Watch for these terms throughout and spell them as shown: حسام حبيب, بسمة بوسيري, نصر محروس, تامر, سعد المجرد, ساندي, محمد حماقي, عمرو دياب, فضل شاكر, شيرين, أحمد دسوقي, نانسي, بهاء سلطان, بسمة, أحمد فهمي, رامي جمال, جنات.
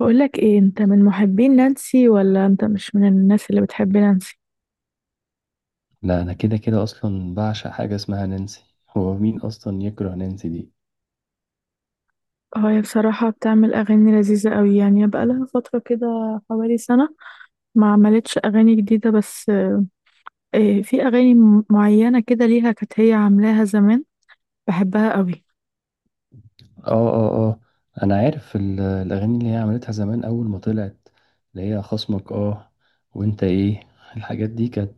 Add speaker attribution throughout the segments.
Speaker 1: بقولك ايه، انت من محبين نانسي ولا انت مش من الناس اللي بتحب نانسي؟
Speaker 2: لا، انا كده كده اصلا بعشق حاجه اسمها نانسي. هو مين اصلا يكره نانسي دي؟
Speaker 1: اه، هي بصراحة بتعمل اغاني لذيذة قوي، يعني بقى لها فترة كده حوالي سنة ما عملتش اغاني جديدة. بس إيه، في اغاني معينة كده ليها كانت هي عاملاها زمان، بحبها قوي.
Speaker 2: اه. انا عارف الاغاني اللي هي عملتها زمان اول ما طلعت، اللي هي خصمك، اه، وانت ايه. الحاجات دي كانت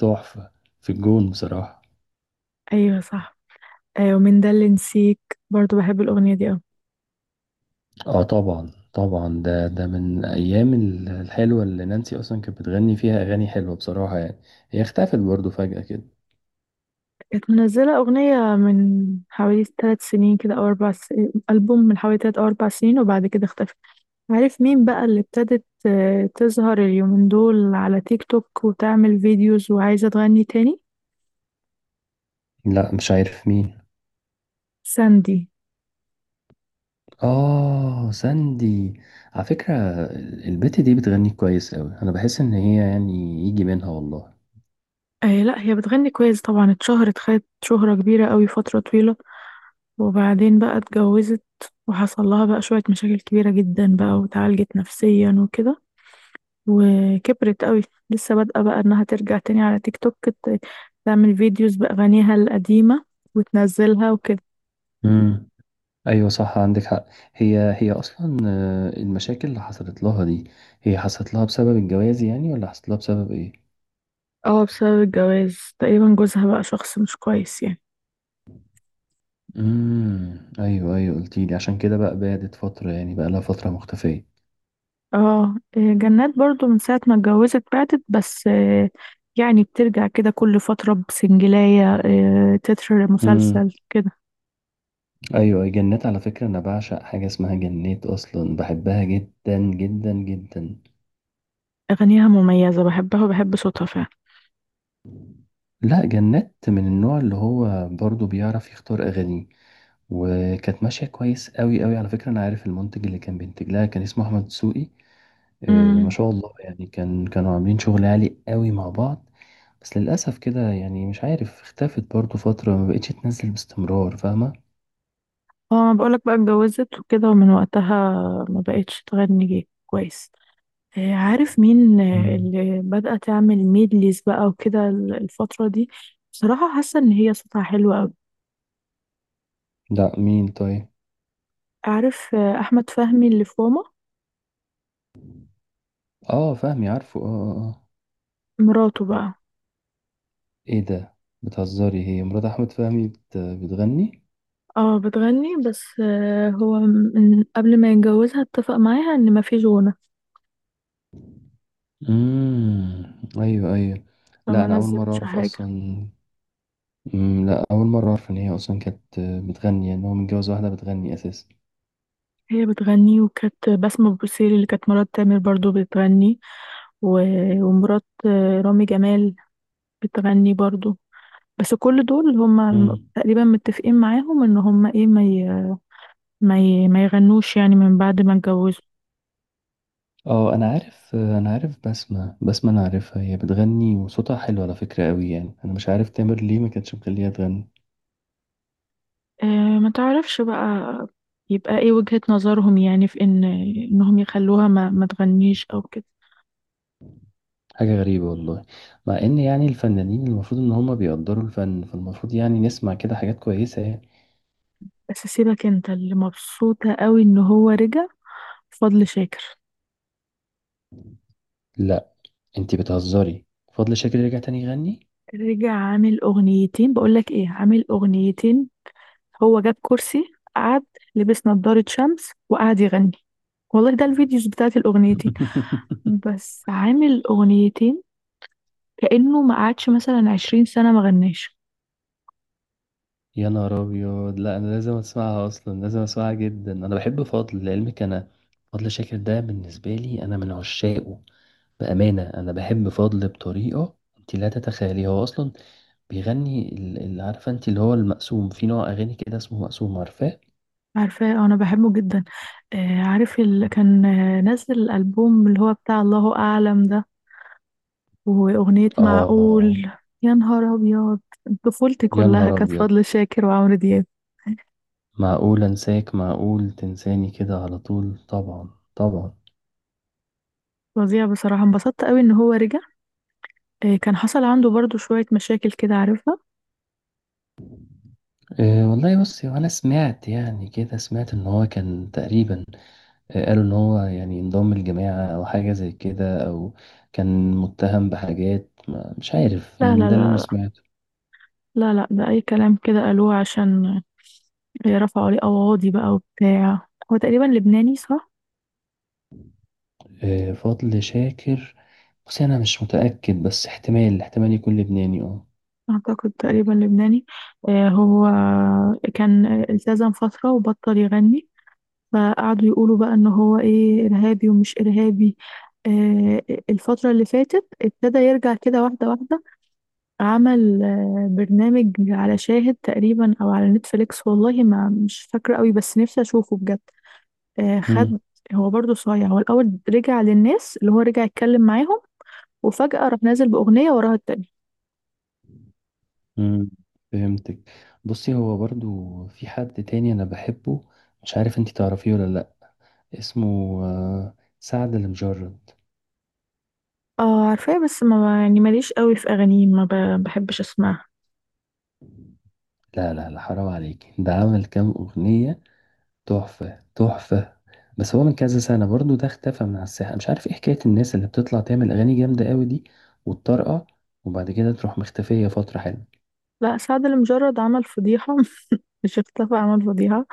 Speaker 2: تحفه، في الجون بصراحه.
Speaker 1: ايوه صح. ايوه، ومن ده اللي نسيك؟ برضو بحب الاغنية دي قوي.
Speaker 2: اه، طبعا طبعا، ده من ايام الحلوه اللي نانسي اصلا كانت بتغني فيها اغاني حلوه بصراحه يعني. هي اختفت برضو فجاه كده.
Speaker 1: كانت منزلة اغنية من حوالي 3 سنين كده او 4 سنين، البوم من حوالي 3 أو 4 سنين، وبعد كده اختفت. عارف مين بقى اللي ابتدت آه، تظهر اليومين دول على تيك توك وتعمل فيديوز وعايزة تغني تاني؟
Speaker 2: لا، مش عارف مين.
Speaker 1: ساندي.
Speaker 2: آه، ساندي. على فكرة، البت دي بتغني كويس أوي، أنا بحس إن هي يعني يجي منها والله.
Speaker 1: آه، لا هي بتغني كويس طبعا، اتشهرت، خدت شهرة كبيرة قوي فترة طويلة. وبعدين بقى اتجوزت، وحصل لها بقى شوية مشاكل كبيرة جدا بقى، وتعالجت نفسيا وكده، وكبرت قوي. لسه بادئة بقى انها ترجع تاني على تيك توك تعمل فيديوز بأغانيها القديمة وتنزلها وكده.
Speaker 2: امم، أيوة صح، عندك حق. هي أصلا المشاكل اللي حصلت لها دي، هي حصلت لها بسبب الجواز يعني ولا حصلت لها بسبب إيه؟
Speaker 1: اه، بسبب الجواز تقريبا، جوزها بقى شخص مش كويس يعني.
Speaker 2: امم، أيوة أيوة، قلتيلي عشان كده بقى بعدت فترة، يعني بقى لها فترة مختفية.
Speaker 1: اه إيه، جنات برضو من ساعة ما اتجوزت بعدت، بس آه، يعني بترجع كده كل فترة بسنجلاية آه، تتر مسلسل
Speaker 2: امم،
Speaker 1: كده.
Speaker 2: أيوة، جنات على فكرة أنا بعشق حاجة اسمها جنات، أصلا بحبها جدا جدا جدا.
Speaker 1: أغانيها مميزة، بحبها وبحب صوتها فعلا.
Speaker 2: لا، جنات من النوع اللي هو برضه بيعرف يختار أغانيه. وكانت ماشية كويس قوي قوي، على فكرة أنا عارف المنتج اللي كان بينتج لها كان اسمه أحمد دسوقي. ما
Speaker 1: امم.
Speaker 2: شاء الله يعني، كان كانوا عاملين شغل عالي قوي مع بعض. بس للأسف كده يعني مش عارف، اختفت برضه فترة، ما بقتش تنزل باستمرار، فاهمة.
Speaker 1: اه، ما بقولك بقى اتجوزت وكده، ومن وقتها ما بقتش تغني كويس. آه، عارف مين آه،
Speaker 2: مم.
Speaker 1: اللي بدأت تعمل ميدليز بقى وكده الفترة دي؟ بصراحة حاسة إن هي صوتها حلو أوي.
Speaker 2: لا مين طيب؟
Speaker 1: عارف آه، أحمد فهمي اللي في ماما؟
Speaker 2: اه، فهمي عارفه، اه اه آه.
Speaker 1: مراته بقى.
Speaker 2: ايه ده، بتهزري؟ هي مرات أحمد فهمي بتغني؟
Speaker 1: اه بتغني، بس آه، هو من قبل ما يتجوزها اتفق معاها ان مفيش غنى.
Speaker 2: امم، ايوه ايوه. لا
Speaker 1: فما
Speaker 2: انا اول مره
Speaker 1: نزلتش
Speaker 2: اعرف
Speaker 1: حاجة.
Speaker 2: اصلا. أمم، لا أول مرة أعرف إن هي أصلا كانت بتغني، يعني هو متجوز واحدة بتغني أساسا.
Speaker 1: هي بتغني، وكانت بسمة بوسيري اللي كانت مرات تامر برضو بتغني، و... ومرات آه، رامي جمال بتغني برضو. بس كل دول هم
Speaker 2: مم.
Speaker 1: تقريبا متفقين معاهم ان هم ايه، ما يغنوش يعني من بعد ما اتجوزوا.
Speaker 2: اه أنا عارف، أنا عارف بسمة، بسمة أنا عارفها، هي بتغني وصوتها حلو على فكرة أوي، يعني أنا مش عارف تامر ليه ما كانتش مخليها تغني.
Speaker 1: آه، ما تعرفش بقى. يبقى ايه وجهة نظرهم يعني في ان انهم يخلوها ما تغنيش او كده.
Speaker 2: حاجة غريبة والله، مع إن يعني الفنانين المفروض إن هما بيقدروا الفن، فالمفروض يعني نسمع كده حاجات كويسة يعني.
Speaker 1: بس سيبك، انت اللي مبسوطة قوي ان هو رجع، فضل شاكر.
Speaker 2: لا، أنتي بتهزري؟ فضل شاكر يرجع تاني يغني؟
Speaker 1: رجع عامل اغنيتين. بقولك ايه، عامل اغنيتين. هو جاب كرسي قعد، لبس نضارة شمس وقعد يغني. والله ده الفيديوز بتاعت الاغنيتين. بس عامل اغنيتين، كأنه ما قعدش مثلا 20 سنة ما غناش.
Speaker 2: يا نهار ابيض، لا انا لازم اسمعها اصلا، لازم اسمعها جدا، انا بحب فضل لعلمك انا. فضل شاكر ده بالنسبه لي انا من عشاقه. بامانه انا بحب فضل بطريقه انت لا تتخيلي. هو اصلا بيغني اللي عارفه انت اللي هو المقسوم، في نوع اغاني كده اسمه مقسوم، عارفاه.
Speaker 1: عارفاه، انا بحبه جدا. آه، عارف اللي كان آه، نزل الالبوم اللي هو بتاع الله اعلم ده؟ وأغنية
Speaker 2: اه.
Speaker 1: معقول. يا نهار أبيض. طفولتي
Speaker 2: يا
Speaker 1: كلها
Speaker 2: نهار
Speaker 1: كانت
Speaker 2: ابيض،
Speaker 1: فضل شاكر وعمرو دياب.
Speaker 2: معقول انساك معقول تنساني كده على طول. طبعا طبعا.
Speaker 1: فظيع. بصراحة انبسطت قوي إن هو رجع. إيه، كان حصل عنده برضو شوية مشاكل كده، عارفها.
Speaker 2: إيه والله، بصي وانا سمعت يعني كده، سمعت ان هو كان تقريبا، قالوا ان هو يعني انضم الجماعة او حاجة زي كده، او كان متهم بحاجات مش عارف
Speaker 1: لا
Speaker 2: يعني،
Speaker 1: لا
Speaker 2: ده اللي انا
Speaker 1: لا.
Speaker 2: سمعته.
Speaker 1: لا لا لا، ده أي كلام كده قالوه عشان إيه، رفعوا عليه قواضي بقى وبتاع. هو تقريبا لبناني، صح؟
Speaker 2: فضل شاكر، بس انا مش متأكد، بس احتمال احتمال يكون لبناني اه.
Speaker 1: أعتقد تقريبا لبناني. إيه، هو كان التزم فترة وبطل يغني، فقعدوا يقولوا بقى ان هو ايه، ارهابي ومش ارهابي. آه، الفترة اللي فاتت ابتدى يرجع كده واحدة واحدة. عمل آه، برنامج على شاهد تقريبا او على نتفليكس، والله ما مش فاكرة قوي، بس نفسي اشوفه بجد. آه خد.
Speaker 2: مم.
Speaker 1: هو برضه صايع، هو الاول رجع للناس اللي هو رجع يتكلم معاهم، وفجأة راح نازل بأغنية وراها التانية.
Speaker 2: مم، فهمتك. بصي هو برضو في حد تاني انا بحبه، مش عارف انتي تعرفيه ولا لا، اسمه سعد المجرد.
Speaker 1: اه عارفاه، بس ما يعني ماليش قوي في اغانيه، ما ب- بحبش اسمعها.
Speaker 2: لا لا لا، حرام عليك، ده عمل كام اغنية تحفة تحفة. بس هو من كذا سنة برضو ده اختفى من على الساحة، مش عارف ايه حكاية الناس اللي بتطلع تعمل أغاني جامدة قوي دي وتطرقع، وبعد كده تروح مختفية فترة حلوة.
Speaker 1: لا سعد المجرد عمل فضيحة. مش اختفى، عمل فضيحة.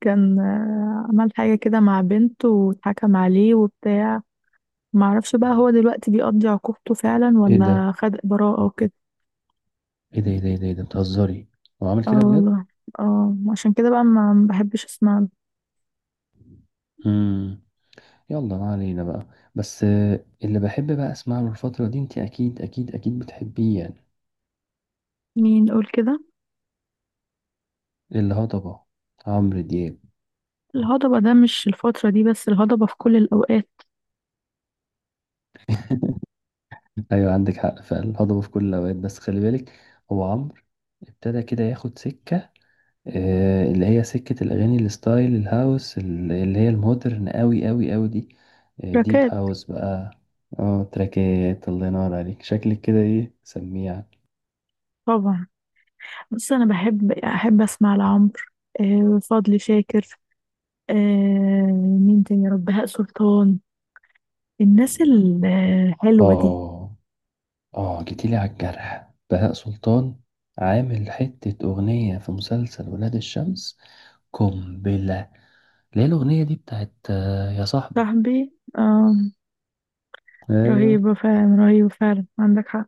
Speaker 1: كان آه، عمل حاجة كده مع بنته واتحكم عليه وبتاع. معرفش بقى هو دلوقتي بيقضي عقوبته فعلا
Speaker 2: ايه ده
Speaker 1: ولا خد براءة وكده.
Speaker 2: ايه ده، إيه ده؟ بتهزري، هو عامل
Speaker 1: اه
Speaker 2: كده بجد؟
Speaker 1: والله. اه، عشان كده بقى ما بحبش اسمع.
Speaker 2: امم. يلا ما علينا بقى. بس اللي بحب بقى اسمع له الفترة دي، انت اكيد اكيد اكيد بتحبيه يعني.
Speaker 1: مين يقول كده؟
Speaker 2: الهضبة، عمرو دياب.
Speaker 1: الهضبة ده مش الفترة دي بس، الهضبة في كل الأوقات.
Speaker 2: ايوه عندك حق، فعلا الهضبة في كل الأوقات. بس خلي بالك، هو عمرو ابتدى كده ياخد سكة، اللي هي سكة الأغاني الستايل الهاوس، اللي هي المودرن أوي أوي أوي دي، ديب
Speaker 1: تراكات.
Speaker 2: هاوس بقى. اه تراكات، الله ينور عليك، شكلك كده ايه سميع.
Speaker 1: طبعا. بس أنا بحب أحب أسمع لعمرو، آه، فضل شاكر، آه، مين تاني يا رب، بهاء سلطان، الناس الحلوة دي.
Speaker 2: اه اه، جيتيلي على الجرح، بهاء سلطان. عامل حتة أغنية في مسلسل ولاد الشمس، قنبلة، اللي هي الأغنية دي بتاعت يا صاحبي.
Speaker 1: صاحبي.
Speaker 2: أيوة.
Speaker 1: رهيبة فعلا، رهيبة فعلا، عندك حق.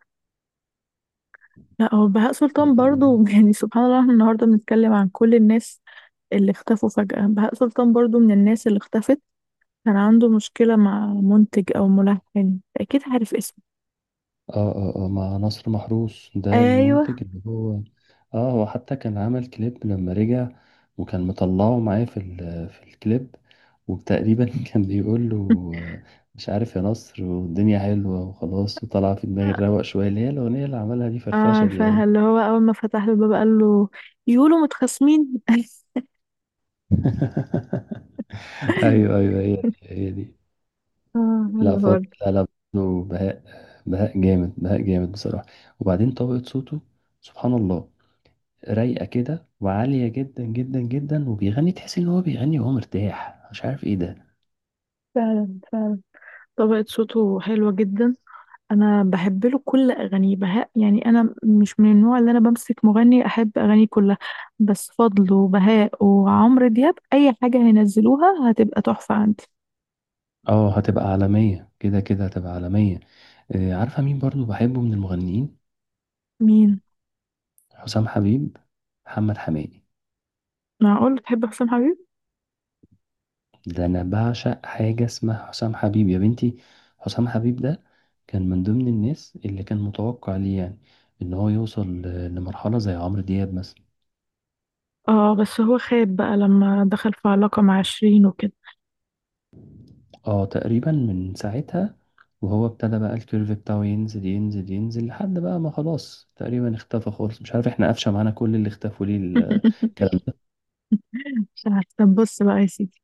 Speaker 1: لا هو بهاء سلطان برضو، يعني سبحان الله احنا النهاردة بنتكلم عن كل الناس اللي اختفوا فجأة. بهاء سلطان برضو من الناس اللي اختفت. كان عنده مشكلة مع منتج أو ملحن، أكيد عارف اسمه.
Speaker 2: اه، مع نصر محروس، ده
Speaker 1: أيوه.
Speaker 2: المنتج اللي هو. اه، هو حتى كان عمل كليب لما رجع، وكان مطلعه معاه في في الكليب، وتقريبا كان بيقول له، آه، مش عارف يا نصر والدنيا حلوة وخلاص، وطلع في دماغي الروق شوية، اللي هي الأغنية اللي عملها دي، فرفشة دي
Speaker 1: عارفاها،
Speaker 2: أوي.
Speaker 1: اللي هو أول ما فتح له الباب قال له، يقولوا متخاصمين.
Speaker 2: أيوه أيوه، هي دي هي دي.
Speaker 1: اه
Speaker 2: لا
Speaker 1: اللي
Speaker 2: فضل
Speaker 1: هو.
Speaker 2: لا لا، برضه بهاء، بهاء جامد، بهاء جامد بصراحة. وبعدين طبقة صوته، سبحان الله، رايقه كده وعاليه جدا جدا جدا، وبيغني تحس ان هو بيغني وهو مرتاح، مش عارف ايه ده.
Speaker 1: فعلا فعلا، طبقة صوته حلوة جدا. انا بحب له كل اغانيه بهاء، يعني انا مش من النوع اللي انا بمسك مغني احب اغانيه كلها. بس فضل وبهاء وعمرو دياب اي حاجة هينزلوها هتبقى تحفة عندي.
Speaker 2: اه هتبقى عالميه كده كده، هتبقى عالميه. عارفه مين برضو بحبه من المغنيين؟
Speaker 1: مين؟
Speaker 2: حسام حبيب، محمد حماقي.
Speaker 1: معقول تحب حسام حبيب؟
Speaker 2: ده انا بعشق حاجه اسمها حسام حبيب يا بنتي. حسام حبيب ده كان من ضمن الناس اللي كان متوقع ليه يعني ان هو يوصل لمرحله زي عمرو دياب مثلا.
Speaker 1: اه بس هو خاب بقى لما دخل في علاقة مع شيرين وكده.
Speaker 2: اه تقريبا من ساعتها، وهو ابتدى بقى الكيرف بتاعه ينزل ينزل ينزل، لحد بقى ما خلاص تقريبا اختفى خالص. مش عارف احنا قفشة معانا كل اللي اختفوا ليه الكلام ده.
Speaker 1: مش عارفة. طب بص بقى يا سيدي،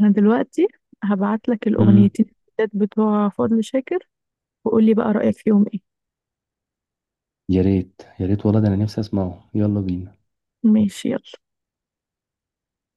Speaker 1: انا دلوقتي هبعت لك
Speaker 2: مم.
Speaker 1: الاغنيتين الجداد بتوع فضل شاكر، وقولي بقى رأيك فيهم ايه.
Speaker 2: يا ريت يا ريت والله، ده انا نفسي اسمعه، يلا بينا.
Speaker 1: ماشي.